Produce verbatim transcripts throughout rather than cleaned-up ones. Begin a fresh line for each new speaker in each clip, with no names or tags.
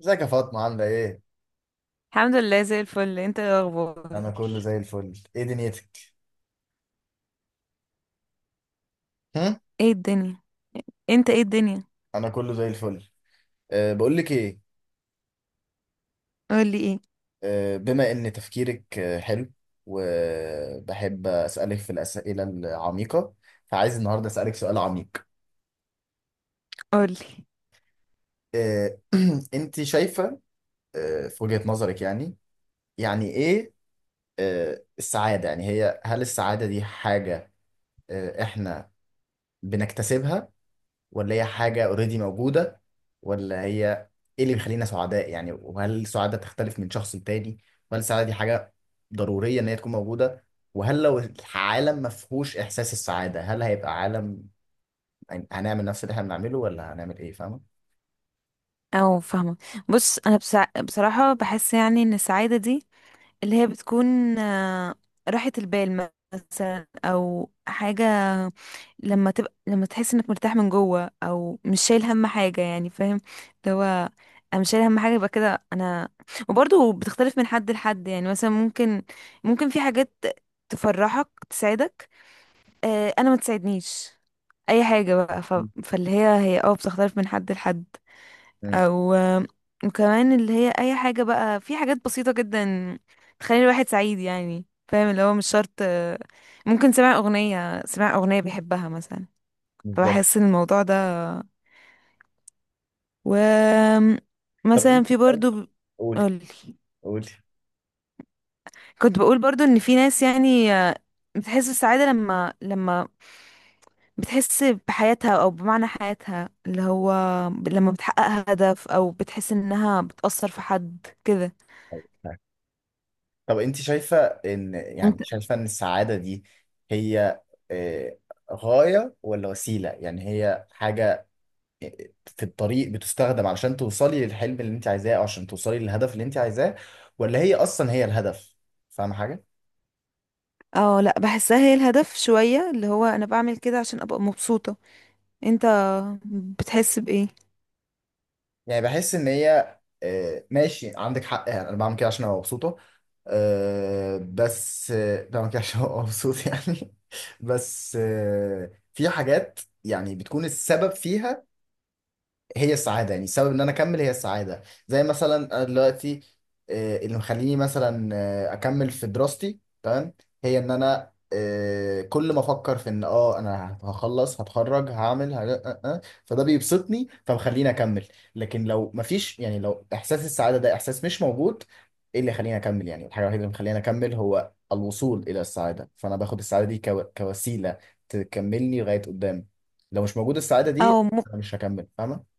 ازيك يا فاطمة عاملة ايه؟
الحمد لله زي الفل. انت ايه الاخبار؟
أنا كله زي الفل، ايه دنيتك؟ هم؟
ايه الدنيا؟ انت ايه الدنيا؟
أنا كله زي الفل. أه بقول لك ايه؟
قولي ايه.
أه بما إن تفكيرك آه، حلو، وبحب أسألك في الأسئلة العميقة، فعايز النهاردة أسألك سؤال عميق.
قولي.
أه أنت شايفة أه في وجهة نظرك، يعني يعني ايه أه السعادة؟ يعني هي هل السعادة دي حاجة أه إحنا بنكتسبها، ولا هي حاجة اوريدي موجودة، ولا هي ايه اللي بيخلينا سعداء؟ يعني وهل السعادة تختلف من شخص لتاني؟ وهل السعادة دي حاجة ضرورية ان هي تكون موجودة؟ وهل لو العالم ما فيهوش احساس السعادة هل هيبقى عالم؟ يعني هنعمل نفس اللي احنا بنعمله ولا هنعمل ايه، فاهمة؟
او فاهمه. بص انا بسع... بصراحه بحس يعني ان السعاده دي اللي هي بتكون آه، راحه البال مثلا، او حاجه لما تبقى، لما تحس انك مرتاح من جوه او مش شايل هم حاجه، يعني فاهم؟ اللي هو انا مش شايل هم حاجه، يبقى كده انا. وبرضه بتختلف من حد لحد. يعني مثلا ممكن، ممكن في حاجات تفرحك، تسعدك. آه، انا ما تساعدنيش اي حاجه بقى. ف...
مم.
فاللي هي هي اه بتختلف من حد لحد.
مم.
او آه، وكمان اللي هي اي حاجه بقى. في حاجات بسيطه جدا تخلي الواحد سعيد. يعني فاهم اللي هو مش شرط، آه، ممكن سمع اغنيه، سمع اغنيه بيحبها مثلا.
بالظبط.
فبحس ان الموضوع ده، و
طب
مثلا
انت
في
شايف،
برضو.
قولي،
قولي.
قولي.
كنت بقول برضو ان في ناس يعني، آه، بتحس بالسعاده لما لما بتحس بحياتها او بمعنى حياتها، اللي هو لما بتحقق هدف او بتحس انها بتأثر في حد كده.
طب انت شايفة ان يعني
انت.
شايفة ان السعادة دي هي آه، غاية ولا وسيلة؟ يعني هي حاجة في الطريق بتستخدم علشان توصلي للحلم اللي انت عايزاه او عشان توصلي للهدف اللي انت عايزاه، ولا هي اصلا هي الهدف؟ فاهم حاجه؟
اه لا، بحسها هي الهدف شوية. اللي هو انا بعمل كده عشان ابقى مبسوطة. انت بتحس بايه؟
يعني بحس ان هي آه، ماشي عندك حق، يعني انا بعمل كده عشان ابقى مبسوطه، آه، بس آه، بعمل كده عشان ابقى مبسوط يعني بس آه، في حاجات يعني بتكون السبب فيها هي السعادة، يعني السبب ان انا اكمل هي السعادة. زي مثلا انا دلوقتي آه، اللي مخليني مثلا آه، اكمل في دراستي، تمام، هي ان انا آه، كل ما افكر في ان اه انا هخلص هتخرج هعمل ه... آه، آه، فده بيبسطني فمخليني اكمل. لكن لو مفيش، يعني لو احساس السعادة ده احساس مش موجود، ايه اللي يخليني اكمل؟ يعني الحاجة الوحيدة اللي مخليني اكمل هو الوصول الى السعادة، فانا باخد السعادة دي كو... كوسيلة تكملني لغاية قدام. لو مش موجود السعادة
او
دي
م-
انا مش هكمل، فاهمة؟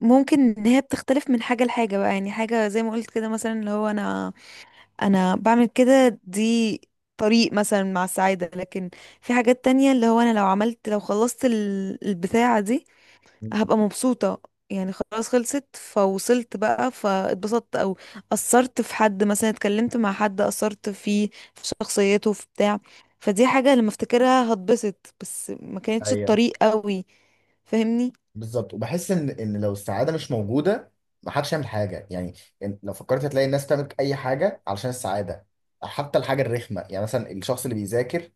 ممكن ان هي بتختلف من حاجة لحاجة بقى. يعني حاجة زي ما قلت كده، مثلا اللي هو انا انا بعمل كده، دي طريق مثلا مع السعادة. لكن في حاجات تانية، اللي هو انا لو عملت، لو خلصت ال- البتاعة دي هبقى مبسوطة. يعني خلاص خلصت فوصلت بقى، فاتبسطت. او اثرت في حد مثلا، اتكلمت مع حد، اثرت فيه في شخصيته في بتاع. فدي حاجة لما افتكرها هتبسط، بس ما كانتش
ايوه
الطريق قوي. فاهمني؟
بالظبط، وبحس ان ان لو السعاده مش موجوده ما حدش يعمل حاجه يعني. إن- لو فكرت هتلاقي الناس تعمل اي حاجه علشان السعاده. حتى الحاجه الرخمه، يعني مثلا الشخص اللي بيذاكر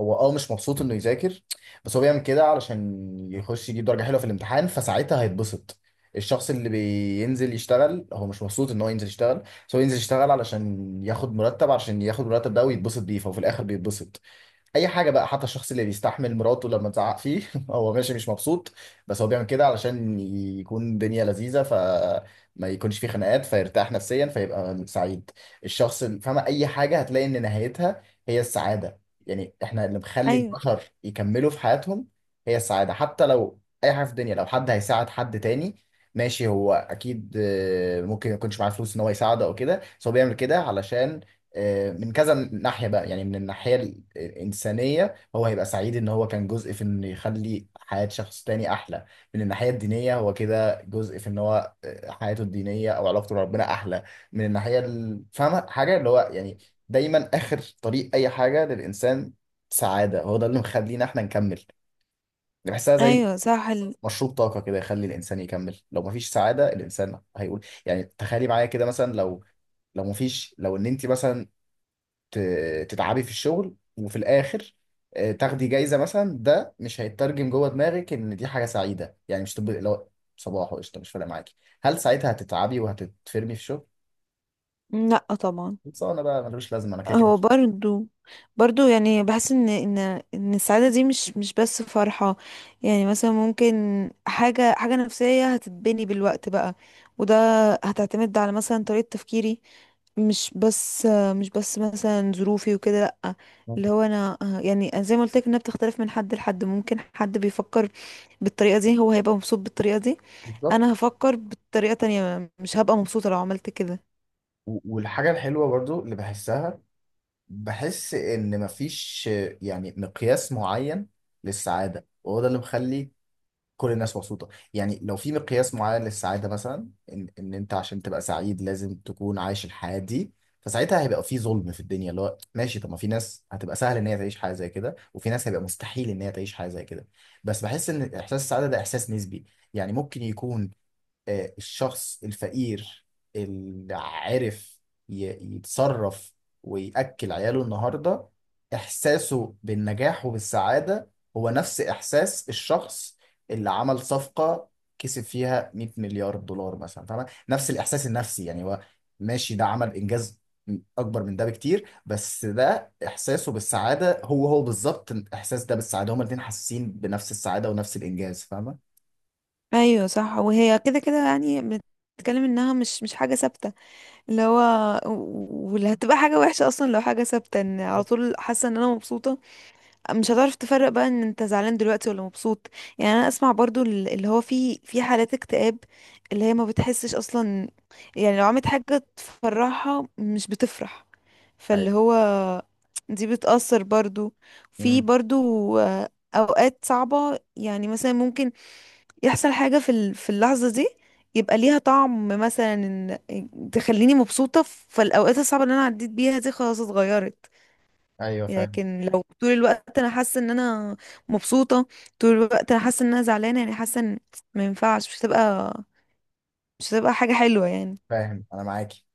هو اه مش مبسوط انه يذاكر، بس هو بيعمل كده علشان يخش يجيب درجه حلوه في الامتحان، فساعتها هيتبسط. الشخص اللي بينزل يشتغل هو مش مبسوط ان هو ينزل يشتغل، بس هو ينزل يشتغل علشان ياخد مرتب، علشان ياخد المرتب ده ويتبسط بيه، فهو في الاخر بيتبسط. اي حاجه بقى، حتى الشخص اللي بيستحمل مراته لما تزعق فيه هو ماشي مش مبسوط، بس هو بيعمل كده علشان يكون الدنيا لذيذه فما يكونش فيه خناقات، فيرتاح نفسيا فيبقى سعيد. الشخص اللي فاهمه اي حاجه هتلاقي ان نهايتها هي السعاده. يعني احنا اللي مخلي
ايوه.
البشر يكملوا في حياتهم هي السعاده. حتى لو اي حاجه في الدنيا، لو حد هيساعد حد تاني، ماشي هو اكيد آه، ممكن ما يكونش معاه فلوس ان هو يساعده او كده، بس هو بيعمل كده علشان آه، من كذا ناحية بقى. يعني من الناحية الإنسانية هو هيبقى سعيد إن هو كان جزء في إنه يخلي حياة شخص تاني أحلى. من الناحية الدينية هو كده جزء في إن هو آه، حياته الدينية أو علاقته بربنا أحلى. من الناحية ال- فاهمة حاجة؟ اللي هو يعني دايما آخر طريق أي حاجة للإنسان سعادة. هو ده اللي مخلينا إحنا نكمل. بحسها زي
ايوه صح ال...
مشروب طاقة كده يخلي الإنسان يكمل. لو مفيش سعادة الإنسان هيقول يعني، تخيلي معايا كده، مثلا لو لو مفيش، لو ان انت مثلا ت- تتعبي في الشغل وفي الاخر آه، تاخدي جايزه مثلا، ده مش هيترجم جوه دماغك ان دي حاجه سعيده. يعني مش تبقى لو صباح وقشطه مش فارق معاكي، هل ساعتها هتتعبي وهتتفرمي في شغل؟
لا طبعا.
خلصانه بقى، ملوش لازمه، انا كده كده.
هو برضو برضو يعني بحس ان ان ان السعاده دي مش مش بس فرحه. يعني مثلا ممكن حاجه حاجه نفسيه هتتبني بالوقت بقى. وده هتعتمد على مثلا طريقه تفكيري، مش بس، مش بس مثلا ظروفي وكده لأ. اللي هو انا، يعني أنا زي ما قلت لك انها بتختلف من حد لحد. ممكن حد بيفكر بالطريقه دي، هو هيبقى مبسوط بالطريقه دي.
بالظبط.
انا هفكر بطريقه تانية، مش هبقى مبسوطه لو عملت كده.
و- والحاجه الحلوه برضو اللي بحسها، بحس ان مفيش آه، يعني مقياس معين للسعاده، وهو ده اللي مخلي كل الناس مبسوطة. يعني لو في مقياس معين للسعادة مثلا، إن, إن أنت عشان تبقى سعيد لازم تكون عايش الحياة دي، فساعتها هيبقى في ظلم في الدنيا، اللي هو ماشي، طب ما في ناس هتبقى سهل إن هي تعيش حياة زي كده، وفي ناس هيبقى مستحيل إن هي تعيش حياة زي كده. بس بحس إن إحساس السعادة ده إحساس نسبي. يعني ممكن يكون آه، الشخص الفقير اللي عرف ي- يتصرف ويأكل عياله النهاردة، إحساسه بالنجاح وبالسعادة هو نفس إحساس الشخص اللي عمل صفقة كسب فيها مئة مليار دولار مثلا، فاهمة؟ نفس الإحساس النفسي، يعني هو ماشي ده عمل إنجاز أكبر من ده بكتير، بس ده إحساسه بالسعادة هو هو بالظبط الإحساس ده بالسعادة، هما الاتنين حاسين بنفس السعادة ونفس الإنجاز، فاهمة؟
ايوه صح. وهي كده كده يعني، بتتكلم انها مش مش حاجه ثابته. اللي هو و- واللي هتبقى حاجه وحشه اصلا لو حاجه ثابته، ان على طول حاسه ان انا مبسوطه. مش هتعرف تفرق بقى ان انت زعلان دلوقتي ولا مبسوط. يعني انا اسمع برضو ال- اللي هو في، في حالات اكتئاب اللي هي ما بتحسش اصلا. يعني لو عملت حاجه تفرحها مش بتفرح.
أيوة.
فاللي هو دي بتأثر برضو. في
أمم.
برضو، آه، اوقات صعبه. يعني مثلا ممكن يحصل حاجة في ال- في اللحظة دي يبقى ليها طعم مثلا، إن- تخليني مبسوطة، فالأوقات الصعبة اللي أنا عديت بيها دي خلاص اتغيرت.
أيوه فاهم.
لكن لو طول الوقت أنا حاسة إن أنا مبسوطة، طول الوقت أنا حاسة إن أنا زعلانة، يعني حاسة إن ما ينفعش. مش هتبقى، مش هتبقى حاجة حلوة يعني.
فاهم انا معاكي،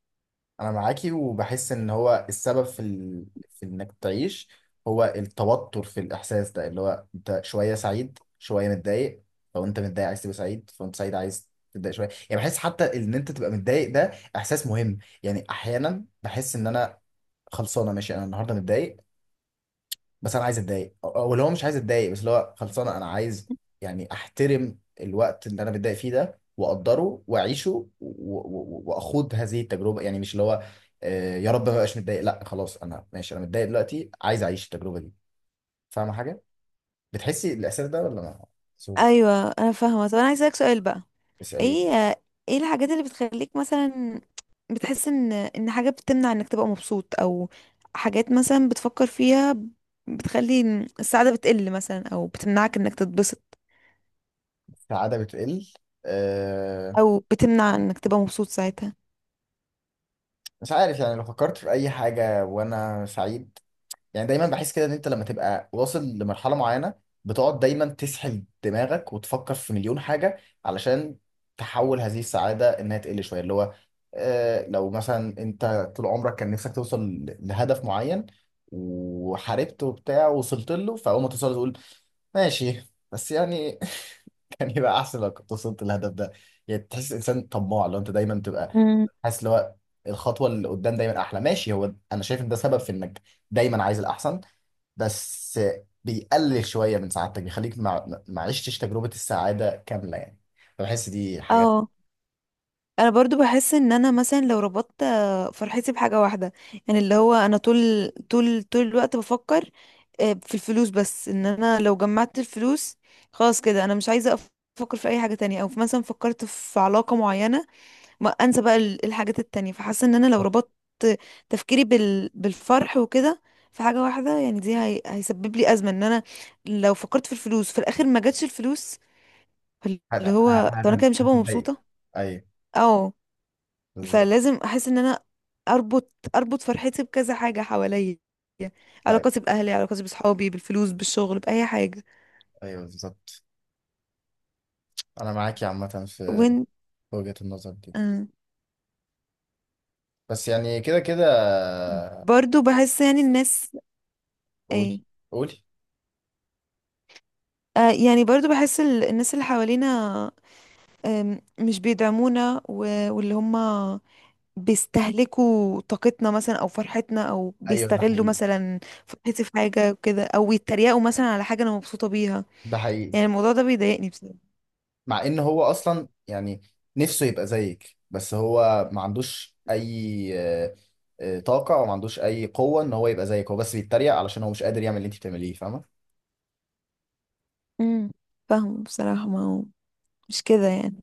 انا معاكي، وبحس ان هو السبب في ال... في انك تعيش هو التوتر في الاحساس ده، اللي هو انت شويه سعيد شويه متضايق. لو انت متضايق عايز تبقى سعيد، فانت سعيد عايز تتضايق شويه، يعني بحس حتى ان انت تبقى متضايق ده احساس مهم. يعني احيانا بحس ان انا خلصانه، ماشي انا النهارده متضايق، بس انا عايز اتضايق او أو اللي هو مش عايز اتضايق بس اللي هو خلصانه انا عايز، يعني احترم الوقت اللي انا بتضايق فيه ده واقدره واعيشه و- و- واخوض هذه التجربه. يعني مش اللي هو آه، يا رب ما بقاش متضايق، لا خلاص انا ماشي، انا متضايق دلوقتي عايز اعيش التجربه دي، فاهمه حاجه؟ بتحسي الاحساس ده ولا ما بتحسوش؟
أيوة أنا فاهمة. طب أنا عايزة أسألك سؤال بقى.
اسالي.
ايه، ايه الحاجات اللي بتخليك مثلا بتحس ان ان حاجة بتمنع انك تبقى مبسوط؟ او حاجات مثلا بتفكر فيها بتخلي السعادة بتقل مثلا، او بتمنعك انك تتبسط
السعاده بتقل؟ أه
او بتمنع انك تبقى مبسوط ساعتها؟
مش عارف، يعني لو فكرت في اي حاجه وانا سعيد، يعني دايما بحس كده ان انت لما تبقى واصل لمرحله معينه بتقعد دايما تسحل دماغك وتفكر في مليون حاجه علشان تحول هذه السعاده انها تقل شويه. اللي هو آه لو مثلا انت طول عمرك كان نفسك توصل ل- لهدف معين، وحاربت وبتاع ووصلت له، فاول ما توصل تقول ماشي، بس يعني كان يبقى احسن لو كنت وصلت للهدف ده. يعني تحس انسان طماع لو انت دايما تبقى
مم.
حاسس اللي هو الخطوه اللي قدام دايما احلى. ماشي، هو انا شايف ان ده سبب في انك دايما عايز الاحسن، بس بيقلل شويه من سعادتك، بيخليك ما ما عشتش تجربه السعاده كامله يعني، فبحس دي حاجه.
اه، انا برضو بحس ان انا مثلا لو ربطت، آه، فرحتي بحاجه واحده. يعني اللي هو انا طول، طول طول الوقت بفكر آه، في الفلوس بس، ان انا لو جمعت الفلوس خلاص كده انا مش عايزه أف- افكر في اي حاجه تانية. او في مثلا فكرت في علاقه معينه، ما انسى بقى ال- الحاجات التانية. فحاسه ان انا لو ربطت تفكيري بال... بالفرح وكده في حاجه واحده، يعني دي هي... هيسبب لي ازمه. ان انا لو فكرت في الفلوس في الاخر ما جاتش الفلوس،
هت-
اللي
ه-
هو طب انا
هت-
كده مش هبقى
هتتضايق.
مبسوطه.
ايوه بالظبط.
فلازم احس ان انا اربط، اربط فرحتي بكذا حاجه حواليا:
ايوه.
علاقاتي باهلي، علاقاتي بصحابي، بالفلوس، بالشغل، باي حاجه.
ايوه بالظبط. انا معاك يا عامه في
وين.
وجهه النظر دي،
آه.
بس يعني كده كده.
برضو بحس يعني الناس،
قول.
ايه؟
قول.
آه، يعني برضو بحس ال- الناس اللي حوالينا، آم، مش بيدعمونا. و- واللي هم بيستهلكوا طاقتنا مثلا، او فرحتنا، او
ايوه ده
بيستغلوا
حقيقي.
مثلا فرحتي في حاجه وكده، او يتريقوا مثلا على حاجه انا مبسوطه بيها.
ده حقيقي.
يعني الموضوع ده بيضايقني بصراحه.
مع ان هو اصلا يعني نفسه يبقى زيك، بس هو ما عندوش اي آه، آه، طاقة او ما عندوش اي قوة ان هو يبقى زيك، هو بس بيتريق علشان هو مش قادر يعمل اللي انت بتعمليه، فاهمة؟
امم فاهمه بصراحه. ما هو مش كده يعني.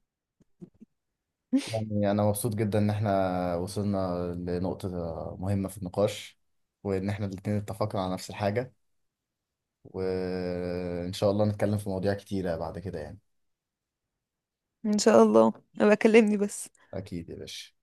يعني انا مبسوط جدا ان احنا وصلنا لنقطة مهمة في النقاش، وان احنا الاتنين اتفقنا على نفس الحاجة، وان شاء الله نتكلم في مواضيع كتيرة بعد كده يعني.
ان شاء الله. ابقى كلمني بس.
اكيد يا باشا.